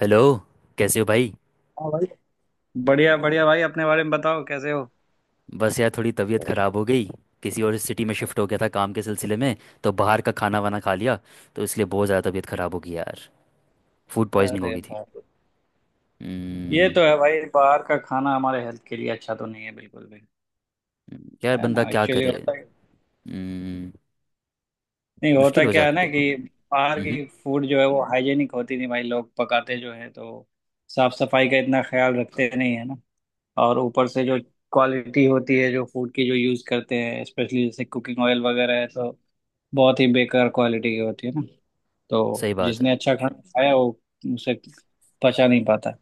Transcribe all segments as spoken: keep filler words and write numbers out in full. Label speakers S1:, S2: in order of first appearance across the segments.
S1: Hello. कैसे हो भाई।
S2: हाँ भाई, बढ़िया बढ़िया भाई। अपने बारे में बताओ, कैसे हो?
S1: बस यार, थोड़ी तबीयत ख़राब हो गई। किसी और सिटी में शिफ्ट हो गया था काम के सिलसिले में, तो बाहर का खाना वाना खा लिया, तो इसलिए बहुत ज़्यादा तबीयत ख़राब हो गई यार। फूड पॉइजनिंग हो
S2: अरे
S1: गई थी।
S2: भाई, ये
S1: हम्म।
S2: तो है भाई। बाहर का खाना हमारे हेल्थ के लिए अच्छा तो नहीं है बिल्कुल भी।
S1: यार
S2: है
S1: बंदा
S2: ना,
S1: क्या
S2: एक्चुअली
S1: करे।
S2: होता
S1: हम्म।
S2: नहीं
S1: मुश्किल
S2: होता
S1: हो
S2: क्या है ना
S1: जाती है।
S2: कि बाहर
S1: हम्म।
S2: की फूड जो है वो हाइजेनिक होती नहीं। भाई लोग पकाते जो है तो साफ सफाई का इतना ख्याल रखते नहीं है ना। और ऊपर से जो क्वालिटी होती है जो फूड की जो यूज़ करते हैं, स्पेशली जैसे कुकिंग ऑयल वगैरह है, तो बहुत ही बेकार क्वालिटी की होती है ना। तो
S1: सही बात है।
S2: जिसने अच्छा खाना खाया वो उसे पचा नहीं पाता।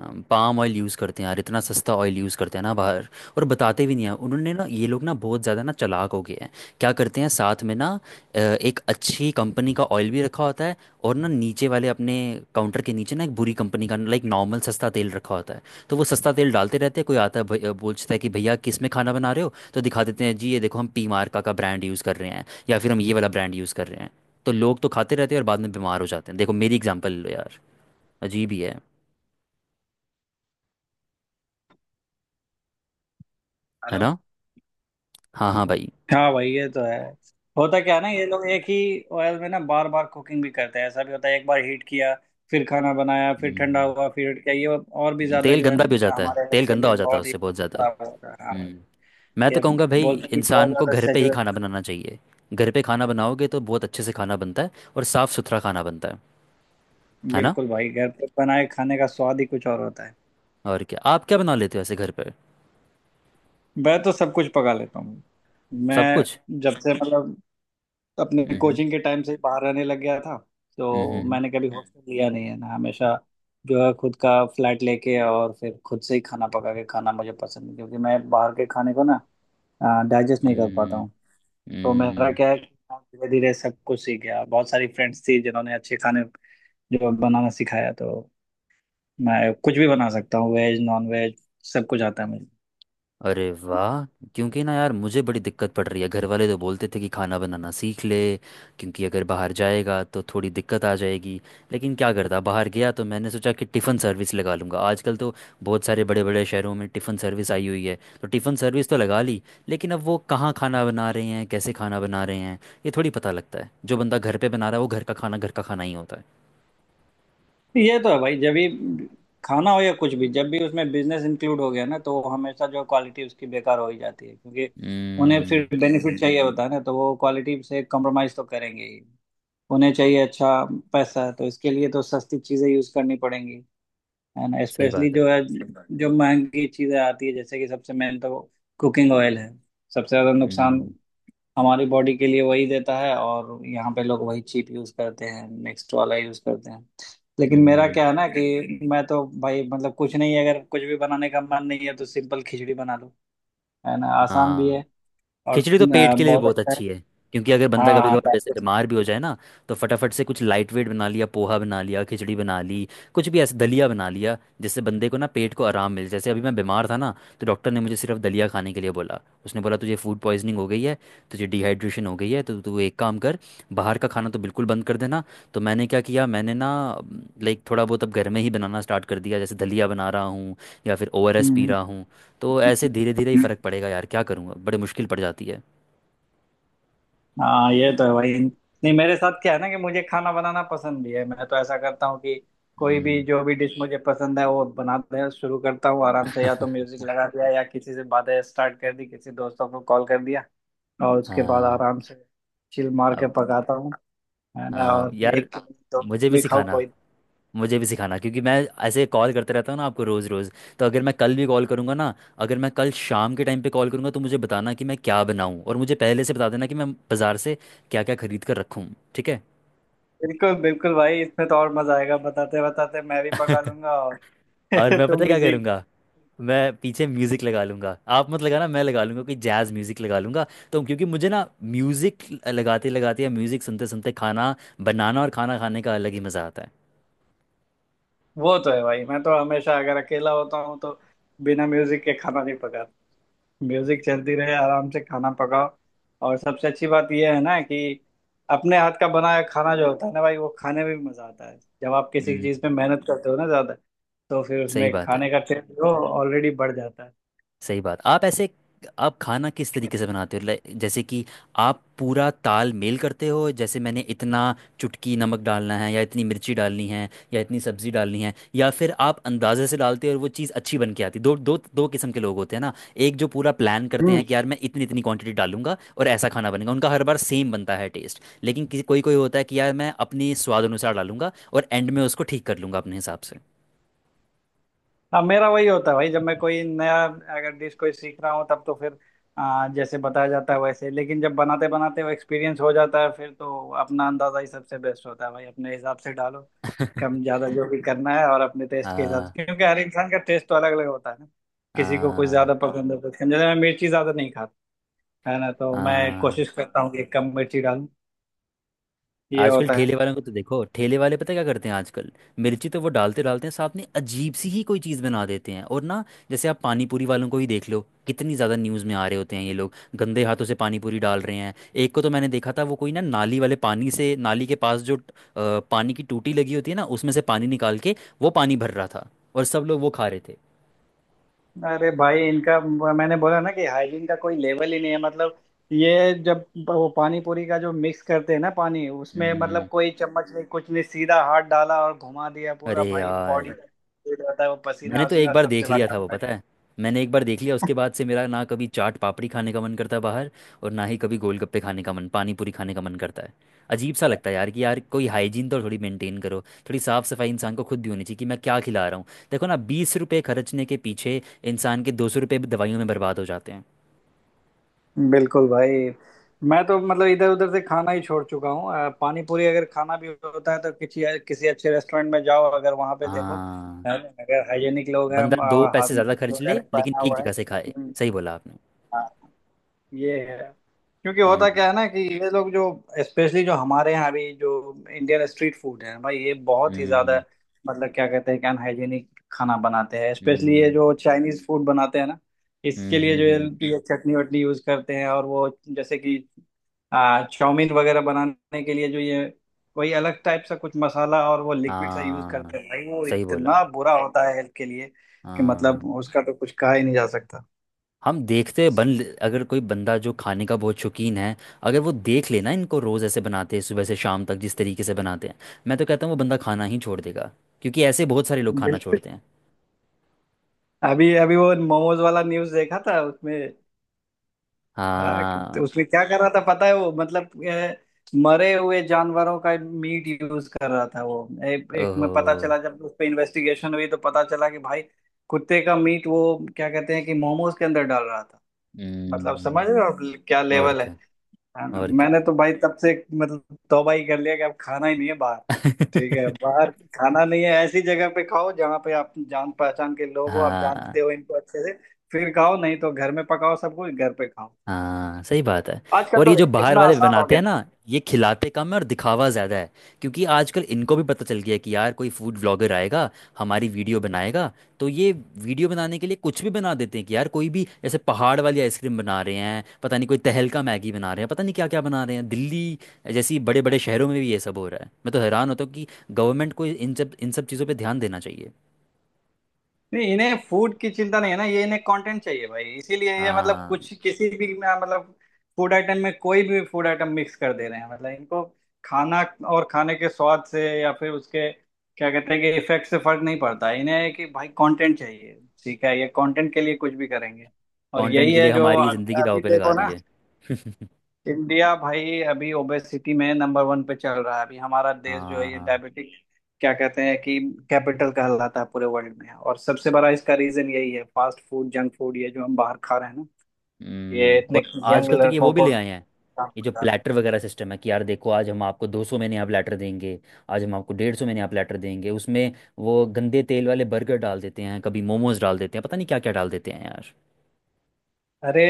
S1: हम पाम ऑयल यूज़ करते हैं यार, इतना सस्ता ऑयल यूज़ करते हैं ना बाहर। और बताते भी नहीं हैं उन्होंने ना, ये लोग ना बहुत ज़्यादा ना चालाक हो गए हैं। क्या करते हैं साथ में ना, अ, एक अच्छी कंपनी का ऑयल भी रखा होता है। और ना नीचे वाले अपने काउंटर के नीचे ना एक बुरी कंपनी का, लाइक, नॉर्मल सस्ता तेल रखा होता है। तो वो सस्ता तेल डालते रहते हैं। कोई आता है, भई- अ, पूछता है कि भैया किस में खाना बना रहे हो, तो दिखा देते हैं जी ये देखो हम पी मार्का का ब्रांड यूज़ कर रहे हैं, या फिर हम ये वाला ब्रांड यूज़ कर रहे हैं। तो लोग तो खाते रहते हैं और बाद में बीमार हो जाते हैं। देखो मेरी एग्जाम्पल लो यार। अजीब ही है। है
S2: हेलो।
S1: ना। हाँ हाँ भाई।
S2: हाँ भाई, ये तो है। होता क्या है ना, ये लोग एक ही ऑयल में ना बार बार कुकिंग भी करते हैं। ऐसा भी होता है, एक बार हीट किया, फिर खाना बनाया, फिर ठंडा
S1: हम्म।
S2: हुआ, फिर heat किया। ये और भी ज्यादा
S1: तेल
S2: जो है
S1: गंदा भी हो जाता है,
S2: हमारे हेल्थ
S1: तेल
S2: के
S1: गंदा
S2: लिए
S1: हो जाता है
S2: बहुत ही
S1: उससे बहुत ज़्यादा।
S2: खराब होता है। हाँ,
S1: हम्म। मैं तो
S2: ये
S1: कहूँगा भाई
S2: बोलते हैं कि बहुत
S1: इंसान को
S2: ज्यादा
S1: घर पे ही खाना
S2: सैचुरेटेड।
S1: बनाना चाहिए। घर पे खाना बनाओगे तो बहुत अच्छे से खाना बनता है। और साफ़ सुथरा खाना बनता है। है ना।
S2: बिल्कुल भाई, घर पे बनाए खाने का स्वाद ही कुछ और होता है।
S1: और क्या आप क्या बना लेते हो ऐसे घर पे।
S2: मैं तो सब कुछ पका लेता हूँ।
S1: सब कुछ।
S2: मैं जब से मतलब अपने
S1: हम्म।
S2: कोचिंग के टाइम से ही बाहर रहने लग गया था,
S1: हम्म।
S2: तो
S1: हम्म।
S2: मैंने कभी हम्म। हॉस्टल लिया नहीं है ना, हमेशा जो है खुद का फ्लैट लेके और फिर खुद से ही खाना पका के खाना मुझे पसंद है, क्योंकि मैं बाहर के खाने को ना डाइजेस्ट नहीं कर पाता
S1: हम्म।
S2: हूँ। तो मेरा
S1: हम्म।
S2: क्या है, धीरे धीरे सब कुछ सीख गया। बहुत सारी फ्रेंड्स थी जिन्होंने अच्छे खाने जो बनाना सिखाया, तो मैं कुछ भी बना सकता हूँ। वेज नॉन वेज सब कुछ आता है मुझे।
S1: अरे वाह। क्योंकि ना यार मुझे बड़ी दिक्कत पड़ रही है, घर वाले तो बोलते थे कि खाना बनाना सीख ले। क्योंकि अगर बाहर जाएगा तो थोड़ी दिक्कत आ जाएगी। लेकिन क्या करता, बाहर गया तो मैंने सोचा कि टिफ़िन सर्विस लगा लूँगा। आजकल तो बहुत सारे बड़े बड़े शहरों में टिफ़िन सर्विस आई हुई है, तो टिफ़िन सर्विस तो लगा ली। लेकिन अब वो कहाँ खाना बना रहे हैं, कैसे खाना बना रहे हैं, ये थोड़ी पता लगता है। जो बंदा घर पे बना रहा है, वो घर का खाना, घर का खाना ही होता है।
S2: ये तो है भाई, जब भी खाना हो या कुछ भी, जब भी उसमें बिजनेस इंक्लूड हो गया ना, तो वो हमेशा जो क्वालिटी उसकी बेकार हो ही जाती है। क्योंकि उन्हें
S1: हम्म।
S2: फिर बेनिफिट चाहिए होता है ना, तो वो क्वालिटी से कॉम्प्रोमाइज तो करेंगे ही। उन्हें चाहिए अच्छा पैसा, तो इसके लिए तो सस्ती चीजें यूज करनी पड़ेंगी। है ना,
S1: सही
S2: स्पेशली
S1: बात है।
S2: जो है जो महंगी चीजें आती है, जैसे कि सबसे मेन तो कुकिंग ऑयल है। सबसे ज्यादा नुकसान
S1: हम्म।
S2: हमारी बॉडी के लिए वही देता है, और यहाँ पे लोग वही चीप यूज करते हैं, नेक्स्ट वाला यूज करते हैं। लेकिन मेरा
S1: हम्म।
S2: क्या है ना कि मैं तो भाई मतलब कुछ नहीं है, अगर कुछ भी बनाने का मन नहीं है तो सिंपल खिचड़ी बना लो। है ना, आसान भी
S1: हाँ।
S2: है और
S1: खिचड़ी तो पेट
S2: अ,
S1: के लिए भी
S2: बहुत
S1: बहुत
S2: अच्छा है।
S1: अच्छी है। क्योंकि अगर बंदा
S2: हाँ
S1: कभी
S2: हाँ।
S1: कभार वैसे बीमार भी हो जाए ना, तो फटाफट से कुछ लाइट वेट बना लिया, पोहा बना लिया, खिचड़ी बना ली, कुछ भी ऐसे दलिया बना लिया, जिससे बंदे को ना पेट को आराम मिले। जैसे अभी मैं बीमार था ना, तो डॉक्टर ने मुझे सिर्फ दलिया खाने के लिए बोला। उसने बोला तुझे फूड पॉइजनिंग हो गई है, तुझे डिहाइड्रेशन हो गई है, तो तू एक काम कर, बाहर का खाना तो बिल्कुल बंद कर देना। तो मैंने क्या किया, मैंने ना लाइक थोड़ा बहुत अब घर में ही बनाना स्टार्ट कर दिया, जैसे दलिया बना रहा हूँ, या फिर ओ आर एस पी
S2: हम्म
S1: रहा हूँ। तो ऐसे धीरे धीरे ही
S2: हम्म।
S1: फ़र्क पड़ेगा यार, क्या करूँगा, बड़ी मुश्किल पड़ जाती है।
S2: हाँ, ये तो है भाई। नहीं, मेरे साथ क्या है ना कि मुझे खाना बनाना पसंद भी है। मैं तो ऐसा करता हूँ कि कोई भी
S1: हम्म।
S2: जो भी डिश मुझे पसंद है वो बनाते शुरू करता हूँ। आराम से या तो म्यूजिक लगा दिया या किसी से बातें स्टार्ट कर दी, किसी दोस्तों को कॉल कर दिया, और उसके बाद
S1: हाँ।
S2: आराम से चिल मार के
S1: अब।
S2: पकाता हूँ। है ना,
S1: हाँ
S2: और
S1: यार।
S2: एक दो
S1: मुझे भी
S2: भी खाओ
S1: सिखाना।
S2: कोई।
S1: मुझे भी सिखाना क्योंकि मैं ऐसे कॉल करते रहता हूँ ना आपको रोज़ रोज़। तो अगर मैं कल भी कॉल करूँगा ना, अगर मैं कल शाम के टाइम पे कॉल करूँगा तो मुझे बताना कि मैं क्या बनाऊँ, और मुझे पहले से बता देना कि मैं बाज़ार से क्या क्या खरीद कर रखूँ। ठीक है।
S2: बिल्कुल बिल्कुल भाई, इसमें तो और मजा आएगा। बताते बताते मैं भी पका लूंगा और
S1: और मैं पता
S2: तुम
S1: है
S2: भी
S1: क्या
S2: सीख।
S1: करूँगा। मैं पीछे म्यूजिक लगा लूंगा, आप मत लगाना, मैं लगा लूंगा कोई जैज म्यूजिक लगा लूंगा। तो क्योंकि मुझे ना म्यूजिक, लगाते लगाते या म्यूजिक सुनते सुनते खाना बनाना और खाना खाने का अलग ही मजा आता है।
S2: वो तो है भाई, मैं तो हमेशा अगर अकेला होता हूँ तो बिना म्यूजिक के खाना नहीं पकाता। म्यूजिक चलती रहे, आराम से खाना पकाओ। और सबसे अच्छी बात यह है ना कि अपने हाथ का बनाया खाना जो होता है ना भाई, वो खाने में भी मजा आता है। जब आप किसी
S1: हम्म।
S2: चीज में मेहनत करते हो ना ज्यादा, तो फिर
S1: सही
S2: उसमें
S1: बात है।
S2: खाने का टेस्ट जो ऑलरेडी बढ़ जाता है।
S1: सही बात, आप ऐसे आप खाना किस तरीके से बनाते हो? लाइक जैसे कि आप पूरा ताल मेल करते हो, जैसे मैंने इतना चुटकी नमक डालना है, या इतनी मिर्ची डालनी है, या इतनी सब्जी डालनी है, या फिर आप अंदाजे से डालते हो और वो चीज़ अच्छी बन के आती है। दो दो दो किस्म के लोग होते हैं ना। एक जो पूरा प्लान करते
S2: हम्म।
S1: हैं कि यार मैं इतनी इतनी क्वांटिटी डालूंगा और ऐसा खाना बनेगा, उनका हर बार सेम बनता है टेस्ट। लेकिन किसी कोई कोई होता है कि यार मैं अपने स्वाद अनुसार डालूंगा और एंड में उसको ठीक कर लूंगा अपने हिसाब से।
S2: हाँ, मेरा वही होता है भाई। जब मैं कोई नया अगर डिश कोई सीख रहा हूँ तब तो फिर आ, जैसे बताया जाता है वैसे, लेकिन जब बनाते बनाते वो एक्सपीरियंस हो जाता है, फिर तो अपना अंदाजा ही सबसे बेस्ट होता है भाई। अपने हिसाब से डालो, कम ज्यादा जो भी करना है, और अपने टेस्ट के हिसाब
S1: आ,
S2: से, क्योंकि हर इंसान का टेस्ट तो अलग अलग होता है ना। किसी को कुछ
S1: आ,
S2: ज्यादा पसंद है कुछ कम। जैसे मैं मिर्ची ज्यादा नहीं खाता, है ना, तो मैं
S1: आ,
S2: कोशिश करता हूँ कि कम मिर्ची डालूं। ये
S1: आजकल
S2: होता है।
S1: ठेले वालों को तो देखो, ठेले वाले पता है क्या करते हैं आजकल? मिर्ची तो वो डालते डालते हैं, साथ में अजीब सी ही कोई चीज़ बना देते हैं और ना। जैसे आप पानी पूरी वालों को ही देख लो, कितनी ज़्यादा न्यूज़ में आ रहे होते हैं, ये लोग गंदे हाथों से पानी पूरी डाल रहे हैं। एक को तो मैंने देखा था, वो कोई ना नाली वाले पानी से, नाली के पास जो अ, पानी की टूटी लगी होती है ना, उसमें से पानी निकाल के वो पानी भर रहा था। और सब लोग वो खा रहे थे।
S2: अरे भाई, इनका मैंने बोला ना कि हाइजीन का कोई लेवल ही नहीं है मतलब। ये जब वो पानी पूरी का जो मिक्स करते हैं ना पानी, उसमें मतलब
S1: हम्म।
S2: कोई चम्मच नहीं, कुछ नहीं, सीधा हाथ डाला और घुमा दिया
S1: अरे
S2: पूरा। भाई बॉडी
S1: यार।
S2: जाता है, वो
S1: मैंने
S2: पसीना
S1: तो एक
S2: वसीना
S1: बार
S2: सब
S1: देख
S2: चला
S1: लिया था वो,
S2: जाता है।
S1: पता है? मैंने एक बार देख लिया, उसके बाद से मेरा ना कभी चाट पापड़ी खाने का मन करता है बाहर, और ना ही कभी गोलगप्पे खाने का मन, पानी पूरी खाने का मन करता है। अजीब सा लगता है यार, कि यार कोई हाइजीन तो थोड़ी मेंटेन करो। थोड़ी साफ सफाई इंसान को खुद भी होनी चाहिए कि मैं क्या खिला रहा हूँ। देखो ना, बीस रुपये खर्चने के पीछे इंसान के दो सौ रुपये भी दवाइयों में बर्बाद हो जाते हैं।
S2: बिल्कुल भाई, मैं तो मतलब इधर उधर से खाना ही छोड़ चुका हूँ। अ, पानी पूरी अगर खाना भी होता है तो किसी किसी अच्छे रेस्टोरेंट में जाओ, अगर वहां पे देखो
S1: हाँ।
S2: है ना, अगर हाइजेनिक लोग हैं
S1: बंदा दो
S2: और हाथ
S1: पैसे
S2: में
S1: ज़्यादा खर्च ले
S2: वगैरह
S1: लेकिन
S2: पहना
S1: ठीक
S2: हुआ है।
S1: जगह से खाए।
S2: हम्म,
S1: सही बोला आपने।
S2: हाँ। ये है। क्योंकि होता क्या
S1: हम्म।
S2: है ना कि ये लोग जो स्पेशली जो हमारे यहाँ अभी जो इंडियन स्ट्रीट फूड है भाई, ये बहुत ही ज्यादा
S1: हम्म।
S2: मतलब क्या कहते हैं कि अनहाइजीनिक खाना बनाते हैं। स्पेशली ये
S1: हम्म।
S2: जो चाइनीज फूड बनाते हैं ना, इसके
S1: हम्म।
S2: लिए जो
S1: हम्म। हम्म।
S2: ये ये चटनी वटनी यूज करते हैं, और वो जैसे कि आ, चाउमीन वगैरह बनाने के लिए जो ये कोई अलग टाइप सा कुछ मसाला और वो लिक्विड सा यूज करते
S1: हाँ,
S2: हैं भाई, वो
S1: सही बोला।
S2: इतना बुरा होता है हेल्थ के लिए कि
S1: हाँ।
S2: मतलब उसका तो कुछ कहा ही नहीं जा
S1: हम देखते हैं। बन अगर कोई बंदा जो खाने का बहुत शौकीन है, अगर वो देख लेना इनको रोज़ ऐसे बनाते हैं सुबह से शाम तक जिस तरीके से बनाते हैं, मैं तो कहता हूँ वो बंदा खाना ही छोड़ देगा। क्योंकि ऐसे बहुत सारे लोग खाना
S2: सकता।
S1: छोड़ते हैं।
S2: अभी अभी वो मोमोज वाला न्यूज देखा था उसमें। हाँ कि-
S1: हाँ।
S2: तो उसमें क्या कर रहा था पता है, वो मतलब ए, मरे हुए जानवरों का मीट यूज कर रहा था। वो एक, एक
S1: ओहो।
S2: में पता चला, जब उस पे इन्वेस्टिगेशन हुई तो पता चला कि भाई कुत्ते का मीट वो क्या कहते हैं कि मोमोज के अंदर डाल रहा था। मतलब समझ रहे हो
S1: हम्म।
S2: आप, क्या
S1: और
S2: लेवल है।
S1: क्या।
S2: हाँ,
S1: और क्या।
S2: मैंने तो भाई तब से मतलब तौबा ही कर लिया कि अब खाना ही नहीं है बाहर। ठीक है, बाहर खाना नहीं है। ऐसी जगह पे खाओ जहाँ पे आप जान पहचान के लोग हो, आप जानते
S1: हाँ।
S2: हो इनको अच्छे से, फिर खाओ। नहीं तो घर में पकाओ, सब कुछ घर पे खाओ।
S1: हाँ। सही बात है।
S2: आजकल
S1: और ये
S2: तो
S1: जो बाहर
S2: इतना
S1: वाले
S2: आसान हो
S1: बनाते
S2: गया।
S1: हैं ना, ये खिलाते कम है और दिखावा ज़्यादा है। क्योंकि आजकल इनको भी पता चल गया है कि यार कोई फूड व्लॉगर आएगा, हमारी वीडियो बनाएगा। तो ये वीडियो बनाने के लिए कुछ भी बना देते हैं, कि यार कोई भी जैसे पहाड़ वाली आइसक्रीम बना रहे हैं, पता नहीं कोई तहलका मैगी बना रहे हैं, पता नहीं क्या क्या बना रहे हैं। दिल्ली जैसी बड़े बड़े शहरों में भी ये सब हो रहा है। मैं तो हैरान होता हूँ कि गवर्नमेंट को इन सब इन सब चीज़ों पर ध्यान देना चाहिए।
S2: नहीं, इन्हें फूड की चिंता नहीं है ना, ये इन्हें कंटेंट चाहिए भाई। इसीलिए ये मतलब
S1: हाँ।
S2: कुछ किसी भी मतलब फूड आइटम में कोई भी फूड आइटम मिक्स कर दे रहे हैं। मतलब इनको खाना और खाने के स्वाद से या फिर उसके क्या कहते हैं कि इफेक्ट से फर्क नहीं पड़ता है इन्हें। है कि भाई कंटेंट चाहिए, ठीक है, ये कंटेंट के लिए कुछ भी करेंगे। और
S1: कंटेंट
S2: यही
S1: के लिए
S2: है जो
S1: हमारी ज़िंदगी दाव
S2: अभी
S1: पे लगा
S2: देखो
S1: दी
S2: ना,
S1: है।
S2: इंडिया भाई अभी ओबेसिटी में नंबर वन पे चल रहा है। अभी हमारा देश जो है ये
S1: हाँ।
S2: डायबिटिक क्या कहते हैं कि कैपिटल कहलाता है पूरे वर्ल्ड में। और सबसे बड़ा इसका रीजन यही है फास्ट फूड जंक फूड, ये जो हम बाहर खा रहे हैं ना, ये
S1: हम्म।
S2: इतने
S1: और
S2: यंग
S1: आजकल तो ये,
S2: लड़कों
S1: वो भी
S2: को।
S1: ले आए हैं, ये जो प्लेटर वगैरह सिस्टम है, कि यार देखो आज हम आपको दो सौ में नया प्लेटर देंगे, आज हम आपको डेढ़ सौ में नया प्लेटर देंगे। उसमें वो गंदे तेल वाले बर्गर डाल देते हैं, कभी मोमोज डाल देते हैं, पता नहीं क्या क्या डाल देते हैं यार।
S2: अरे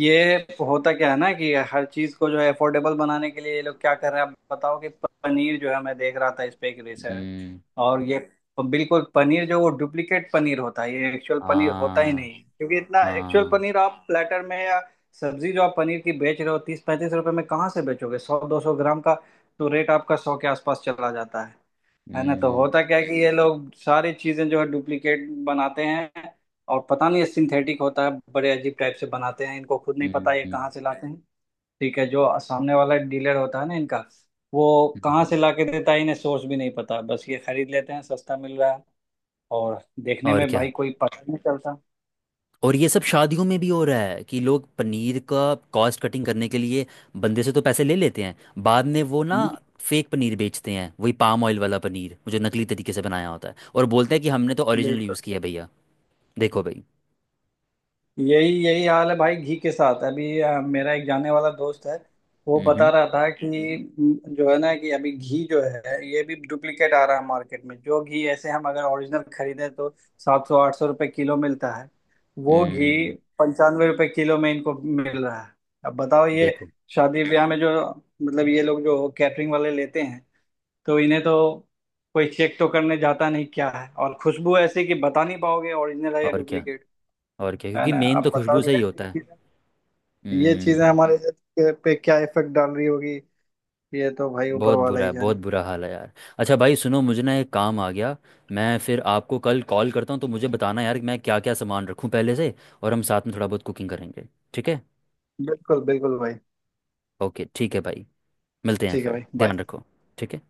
S2: ये होता क्या है ना कि हर चीज को जो है अफोर्डेबल बनाने के लिए ये लोग क्या कर रहे हैं? आप बताओ कि पनीर जो है, मैं देख रहा था इस पे एक रिसर्च,
S1: हम्म।
S2: और ये बिल्कुल पनीर जो वो डुप्लीकेट पनीर होता है, ये एक्चुअल पनीर होता ही
S1: हाँ।
S2: नहीं है। क्योंकि इतना एक्चुअल
S1: हाँ।
S2: पनीर आप प्लेटर में या सब्जी जो आप पनीर की बेच रहे हो तीस पैंतीस रुपए में, कहाँ से बेचोगे सौ दो सौ ग्राम का? तो रेट आपका सौ के आसपास चला जाता है। है ना, तो
S1: हम्म।
S2: होता क्या है कि ये लोग सारी चीजें जो है डुप्लीकेट बनाते हैं, और पता नहीं ये सिंथेटिक होता है, बड़े अजीब टाइप से बनाते हैं, इनको खुद नहीं पता
S1: हम्म।
S2: ये
S1: हम्म।
S2: कहाँ से लाते हैं। ठीक है, जो सामने वाला डीलर होता है ना इनका, वो
S1: हम्म।
S2: कहाँ
S1: हम्म।
S2: से ला के देता है इन्हें सोर्स भी नहीं पता, बस ये खरीद लेते हैं सस्ता मिल रहा है, और देखने
S1: और
S2: में
S1: क्या।
S2: भाई कोई पता नहीं चलता।
S1: और ये सब शादियों में भी हो रहा है कि लोग पनीर का कॉस्ट कटिंग करने के लिए बंदे से तो पैसे ले लेते हैं, बाद में वो ना
S2: हम्म,
S1: फेक पनीर बेचते हैं, वही पाम ऑयल वाला पनीर, वो जो नकली तरीके से बनाया होता है, और बोलते हैं कि हमने तो ओरिजिनल
S2: बिल्कुल।
S1: यूज़ किया है भैया। देखो भाई।
S2: यही यही हाल है भाई घी के साथ। अभी अ, मेरा एक जाने वाला दोस्त है, वो बता
S1: हम्म।
S2: रहा था कि म, जो है ना कि अभी घी जो है ये भी डुप्लीकेट आ रहा है मार्केट में। जो घी ऐसे हम अगर ओरिजिनल खरीदें तो सात सौ आठ सौ रुपये किलो मिलता है, वो
S1: हम्म।
S2: घी
S1: हम्म।
S2: पंचानवे रुपये किलो में इनको मिल रहा है। अब बताओ, ये
S1: देखो।
S2: शादी ब्याह में जो मतलब ये लोग जो कैटरिंग वाले लेते हैं, तो इन्हें तो कोई चेक तो करने जाता नहीं क्या है, और खुशबू ऐसी कि बता नहीं पाओगे ओरिजिनल है या।
S1: और क्या। और क्या,
S2: है
S1: क्योंकि
S2: ना,
S1: मेन
S2: अब
S1: तो
S2: बताओ
S1: खुशबू
S2: कि
S1: से ही
S2: ऐसी
S1: होता है।
S2: चीजें- ये चीजें
S1: हम्म।
S2: हमारे हेल्थ के- पे क्या इफेक्ट डाल रही होगी। ये तो भाई ऊपर
S1: बहुत
S2: वाला
S1: बुरा
S2: ही
S1: है, बहुत
S2: जाने।
S1: बुरा हाल है यार। अच्छा भाई सुनो, मुझे ना एक काम आ गया। मैं फिर आपको कल कॉल करता हूँ, तो मुझे बताना यार कि मैं क्या क्या सामान रखूँ पहले से। और हम साथ में थोड़ा बहुत कुकिंग करेंगे। ठीक है।
S2: बिल्कुल बिल्कुल भाई,
S1: ओके। ठीक है भाई। मिलते हैं
S2: ठीक है
S1: फिर,
S2: भाई बाय।
S1: ध्यान रखो। ठीक है।